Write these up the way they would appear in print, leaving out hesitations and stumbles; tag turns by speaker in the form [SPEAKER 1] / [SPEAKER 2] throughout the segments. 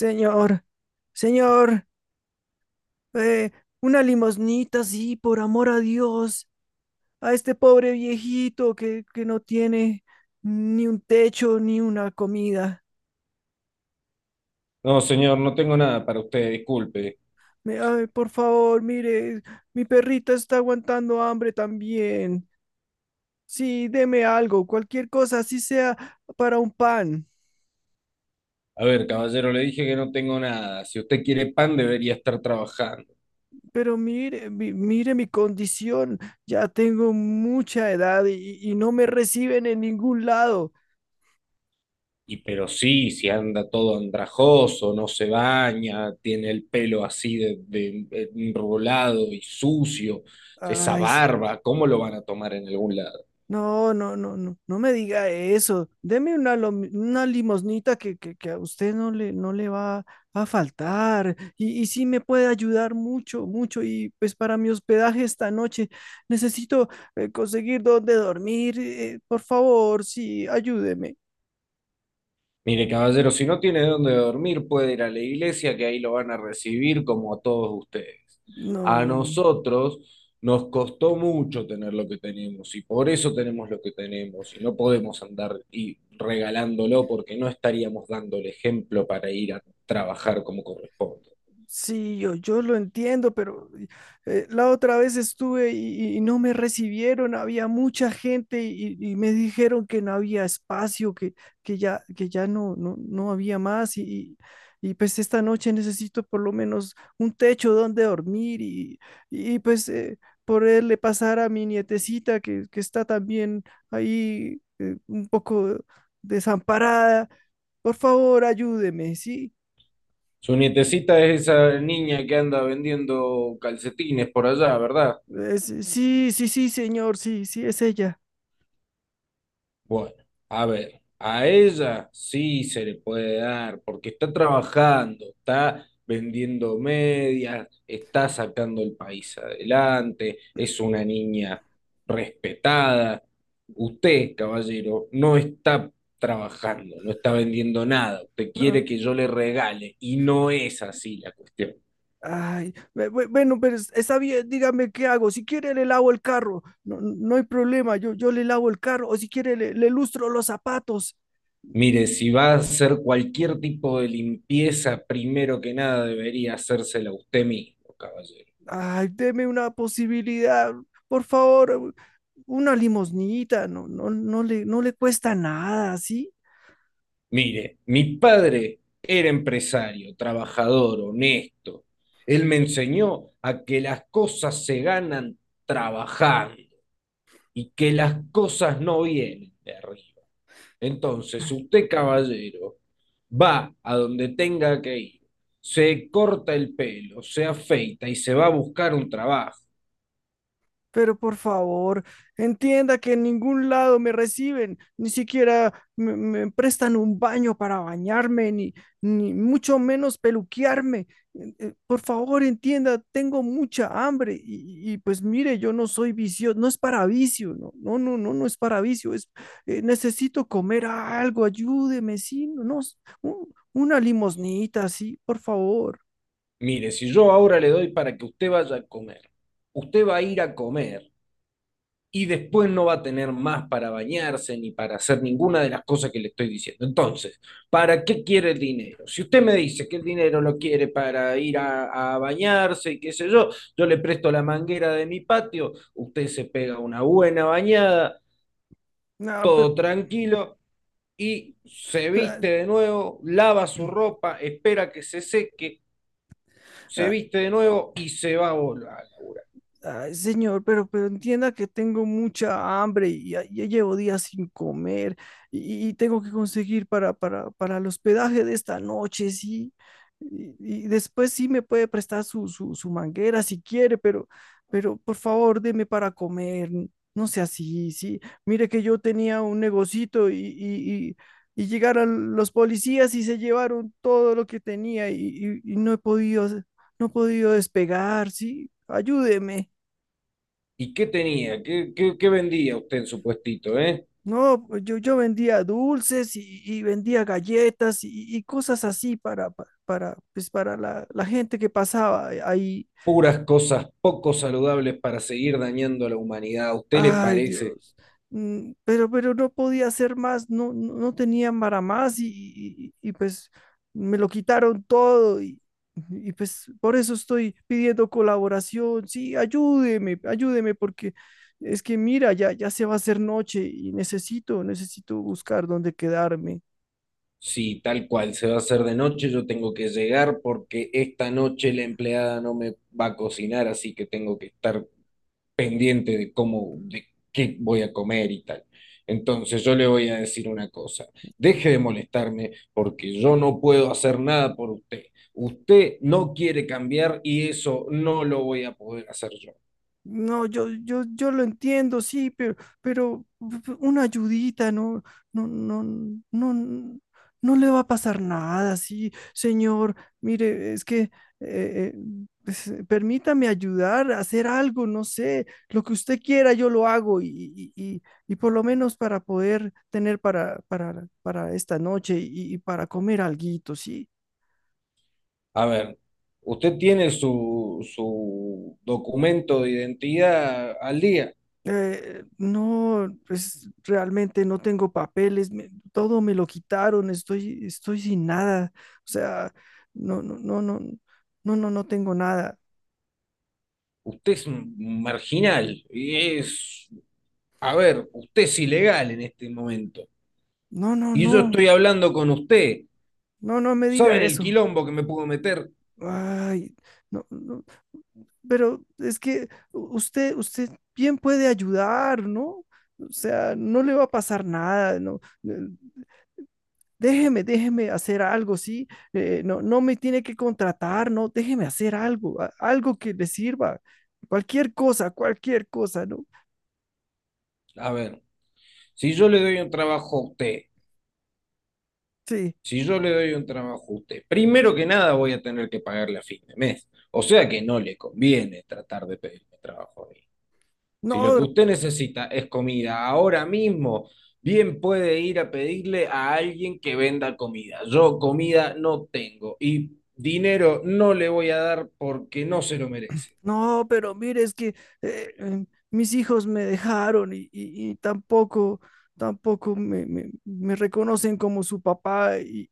[SPEAKER 1] Señor, señor, eh, una limosnita, sí, por amor a Dios, a este pobre viejito que no tiene ni un techo ni una comida.
[SPEAKER 2] No, señor, no tengo nada para usted, disculpe.
[SPEAKER 1] Ay, por favor, mire, mi perrita está aguantando hambre también. Sí, deme algo, cualquier cosa, así sea para un pan.
[SPEAKER 2] A ver, caballero, le dije que no tengo nada. Si usted quiere pan, debería estar trabajando.
[SPEAKER 1] Pero mire, mire mi condición, ya tengo mucha edad y no me reciben en ningún lado.
[SPEAKER 2] Y pero sí, si anda todo andrajoso, no se baña, tiene el pelo así enrulado y sucio, esa
[SPEAKER 1] Ay,
[SPEAKER 2] barba, ¿cómo lo van a tomar en algún lado?
[SPEAKER 1] no, no, no, no, no me diga eso. Deme una, una limosnita que a usted no le va a faltar. Y sí me puede ayudar mucho, mucho. Y pues para mi hospedaje esta noche necesito conseguir dónde dormir. Por favor, sí, ayúdeme.
[SPEAKER 2] Mire, caballero, si no tiene dónde dormir, puede ir a la iglesia, que ahí lo van a recibir como a todos ustedes. A
[SPEAKER 1] No.
[SPEAKER 2] nosotros nos costó mucho tener lo que tenemos y por eso tenemos lo que tenemos y no podemos andar y regalándolo porque no estaríamos dando el ejemplo para ir a trabajar como corresponde.
[SPEAKER 1] Sí, yo lo entiendo, pero la otra vez estuve y no me recibieron, había mucha gente y me dijeron que no había espacio, que, que ya no, no, no había más y, y, pues esta noche necesito por lo menos un techo donde dormir y pues poderle pasar a mi nietecita que está también ahí un poco desamparada. Por favor, ayúdeme, ¿sí?
[SPEAKER 2] Su nietecita es esa niña que anda vendiendo calcetines por allá, ¿verdad?
[SPEAKER 1] Sí, sí, sí, sí, señor, sí, sí, es ella.
[SPEAKER 2] Bueno, a ver, a ella sí se le puede dar, porque está trabajando, está vendiendo medias, está sacando el país adelante, es una niña respetada. Usted, caballero, no está trabajando, no está vendiendo nada, usted
[SPEAKER 1] No,
[SPEAKER 2] quiere que yo le regale, y no es así la cuestión.
[SPEAKER 1] ay, bueno, pero está bien, dígame qué hago. Si quiere, le lavo el carro. No, no hay problema, yo le lavo el carro. O si quiere, le lustro los zapatos.
[SPEAKER 2] Mire, si va a hacer cualquier tipo de limpieza, primero que nada debería hacérsela usted mismo, caballero.
[SPEAKER 1] Ay, deme una posibilidad, por favor, una limosnita. No, no, no le cuesta nada, ¿sí?
[SPEAKER 2] Mire, mi padre era empresario, trabajador, honesto. Él me enseñó a que las cosas se ganan trabajando y que las cosas no vienen de arriba. Entonces, usted, caballero, va a donde tenga que ir, se corta el pelo, se afeita y se va a buscar un trabajo.
[SPEAKER 1] Pero por favor, entienda que en ningún lado me reciben, ni siquiera me prestan un baño para bañarme, ni, ni mucho menos peluquearme. Por favor, entienda, tengo mucha hambre y, pues mire, yo no soy vicio, no es para vicio, no, no, no, no, no es para vicio, es necesito comer algo, ayúdeme, sí, no, no, una limosnita, sí, por favor.
[SPEAKER 2] Mire, si yo ahora le doy para que usted vaya a comer, usted va a ir a comer y después no va a tener más para bañarse ni para hacer ninguna de las cosas que le estoy diciendo. Entonces, ¿para qué quiere el dinero? Si usted me dice que el dinero lo quiere para ir a bañarse y qué sé yo, yo le presto la manguera de mi patio, usted se pega una buena bañada,
[SPEAKER 1] No, pero,
[SPEAKER 2] todo tranquilo y se viste de nuevo, lava su ropa, espera que se seque, se
[SPEAKER 1] ah,
[SPEAKER 2] viste de nuevo y se va a volver a laburar.
[SPEAKER 1] ay, señor, pero entienda que tengo mucha hambre y ya, ya llevo días sin comer y tengo que conseguir para el hospedaje de esta noche, sí. Y después sí me puede prestar su manguera si quiere, pero por favor, deme para comer. No sea así, sí. Mire que yo tenía un negocito y llegaron los policías y se llevaron todo lo que tenía y no he podido, no he podido despegar, sí. Ayúdeme.
[SPEAKER 2] ¿Y qué tenía? ¿Qué vendía usted en su puestito, eh?
[SPEAKER 1] No, pues yo vendía dulces y vendía galletas y cosas así para, pues para la gente que pasaba ahí.
[SPEAKER 2] Puras cosas poco saludables para seguir dañando a la humanidad. ¿A usted le
[SPEAKER 1] Ay,
[SPEAKER 2] parece?
[SPEAKER 1] Dios. Mm, pero no podía hacer más, no, no, no tenía para más y, pues me lo quitaron todo y pues por eso estoy pidiendo colaboración. Sí, ayúdeme, ayúdeme porque es que mira, ya, ya se va a hacer noche y necesito, necesito buscar dónde quedarme.
[SPEAKER 2] Si tal cual se va a hacer de noche, yo tengo que llegar porque esta noche la empleada no me va a cocinar, así que tengo que estar pendiente de cómo, de qué voy a comer y tal. Entonces yo le voy a decir una cosa, deje de molestarme porque yo no puedo hacer nada por usted. Usted no quiere cambiar y eso no lo voy a poder hacer yo.
[SPEAKER 1] No, yo lo entiendo, sí, pero una ayudita, no, no, no, no, no le va a pasar nada, sí, señor. Mire, es que eh, pues, permítame ayudar a hacer algo, no sé, lo que usted quiera, yo lo hago y, y- y por lo menos para poder tener para esta noche y para comer alguito, sí.
[SPEAKER 2] A ver, usted tiene su documento de identidad al día.
[SPEAKER 1] No, pues realmente no tengo papeles, todo me lo quitaron, estoy, estoy sin nada, o sea, no, no, no, no, no, no, no tengo nada,
[SPEAKER 2] Usted es un marginal y es, a ver, usted es ilegal en este momento.
[SPEAKER 1] no, no,
[SPEAKER 2] Y yo
[SPEAKER 1] no,
[SPEAKER 2] estoy hablando con usted.
[SPEAKER 1] no, no me diga
[SPEAKER 2] ¿Saben el
[SPEAKER 1] eso,
[SPEAKER 2] quilombo que me puedo meter?
[SPEAKER 1] ay, no, no, pero es que usted, usted bien puede ayudar, ¿no? O sea, no le va a pasar nada, ¿no? Eh, déjeme, déjeme hacer algo, ¿sí? No, no me tiene que contratar, no, déjeme hacer algo, algo que le sirva, cualquier cosa, ¿no?
[SPEAKER 2] A ver, si yo le doy un trabajo a usted,
[SPEAKER 1] Sí,
[SPEAKER 2] si yo le doy un trabajo a usted, primero que nada voy a tener que pagarle a fin de mes. O sea que no le conviene tratar de pedirme trabajo. Si lo
[SPEAKER 1] no,
[SPEAKER 2] que usted necesita es comida ahora mismo, bien puede ir a pedirle a alguien que venda comida. Yo comida no tengo y dinero no le voy a dar porque no se lo merece.
[SPEAKER 1] no, pero mire, es que mis hijos me dejaron y tampoco, tampoco me reconocen como su papá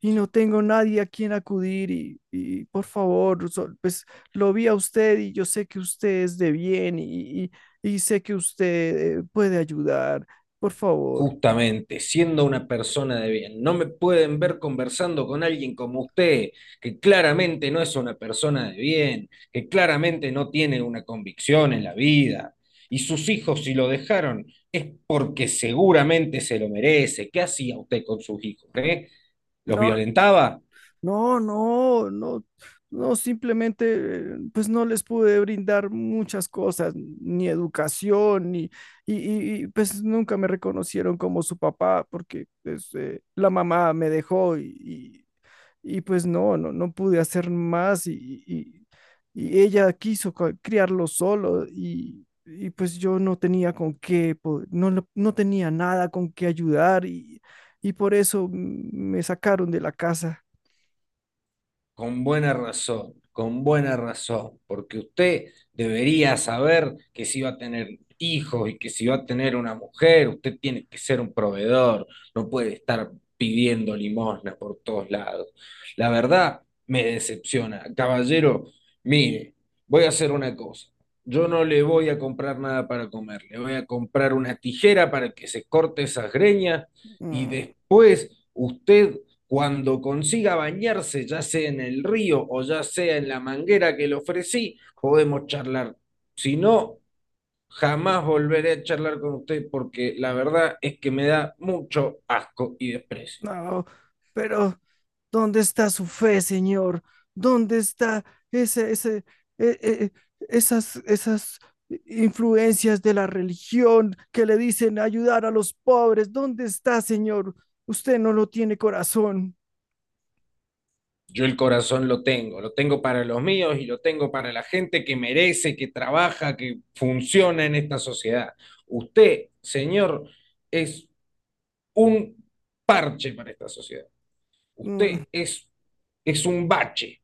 [SPEAKER 1] y no tengo nadie a quien acudir y por favor, pues lo vi a usted y yo sé que usted es de bien y sé que usted puede ayudar, por favor.
[SPEAKER 2] Justamente, siendo una persona de bien, no me pueden ver conversando con alguien como usted, que claramente no es una persona de bien, que claramente no tiene una convicción en la vida. Y sus hijos, si lo dejaron, es porque seguramente se lo merece. ¿Qué hacía usted con sus hijos, eh? ¿Los
[SPEAKER 1] No,
[SPEAKER 2] violentaba?
[SPEAKER 1] no, no, no, no, simplemente pues no les pude brindar muchas cosas, ni educación, ni, y, pues nunca me reconocieron como su papá porque pues, la mamá me dejó y, pues no, no, no pude hacer más y ella quiso criarlo solo y, pues yo no tenía con qué, no, no tenía nada con qué ayudar y por eso me sacaron de la casa.
[SPEAKER 2] Con buena razón, porque usted debería saber que si va a tener hijos y que si va a tener una mujer, usted tiene que ser un proveedor, no puede estar pidiendo limosna por todos lados. La verdad me decepciona. Caballero, mire, voy a hacer una cosa. Yo no le voy a comprar nada para comer, le voy a comprar una tijera para que se corte esas greñas y
[SPEAKER 1] Mm,
[SPEAKER 2] después usted, cuando consiga bañarse, ya sea en el río o ya sea en la manguera que le ofrecí, podemos charlar. Si no, jamás volveré a charlar con usted porque la verdad es que me da mucho asco y desprecio.
[SPEAKER 1] no, pero ¿dónde está su fe, Señor? ¿Dónde está ese, ese, eh, eh, esas, esas influencias de la religión que le dicen ayudar a los pobres? ¿Dónde está, Señor? Usted no lo tiene corazón.
[SPEAKER 2] Yo el corazón lo tengo para los míos y lo tengo para la gente que merece, que trabaja, que funciona en esta sociedad. Usted, señor, es un parche para esta sociedad.
[SPEAKER 1] Mm,
[SPEAKER 2] Usted es un bache.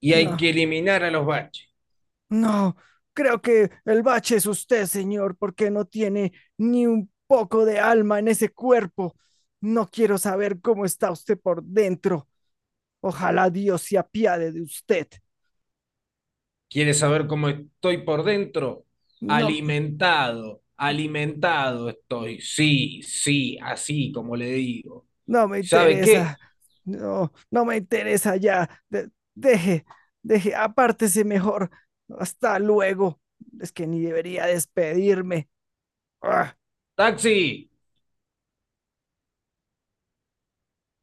[SPEAKER 2] Y hay
[SPEAKER 1] no,
[SPEAKER 2] que eliminar a los baches.
[SPEAKER 1] no, creo que el bache es usted, señor, porque no tiene ni un poco de alma en ese cuerpo. No quiero saber cómo está usted por dentro. Ojalá Dios se apiade de usted.
[SPEAKER 2] ¿Quieres saber cómo estoy por dentro?
[SPEAKER 1] No,
[SPEAKER 2] Alimentado, alimentado estoy. Sí, sí, así como le digo.
[SPEAKER 1] no me
[SPEAKER 2] ¿Sabe qué?
[SPEAKER 1] interesa. No, no me interesa ya. Deje, deje, apártese mejor. Hasta luego. Es que ni debería despedirme. ¡Ah!
[SPEAKER 2] Taxi,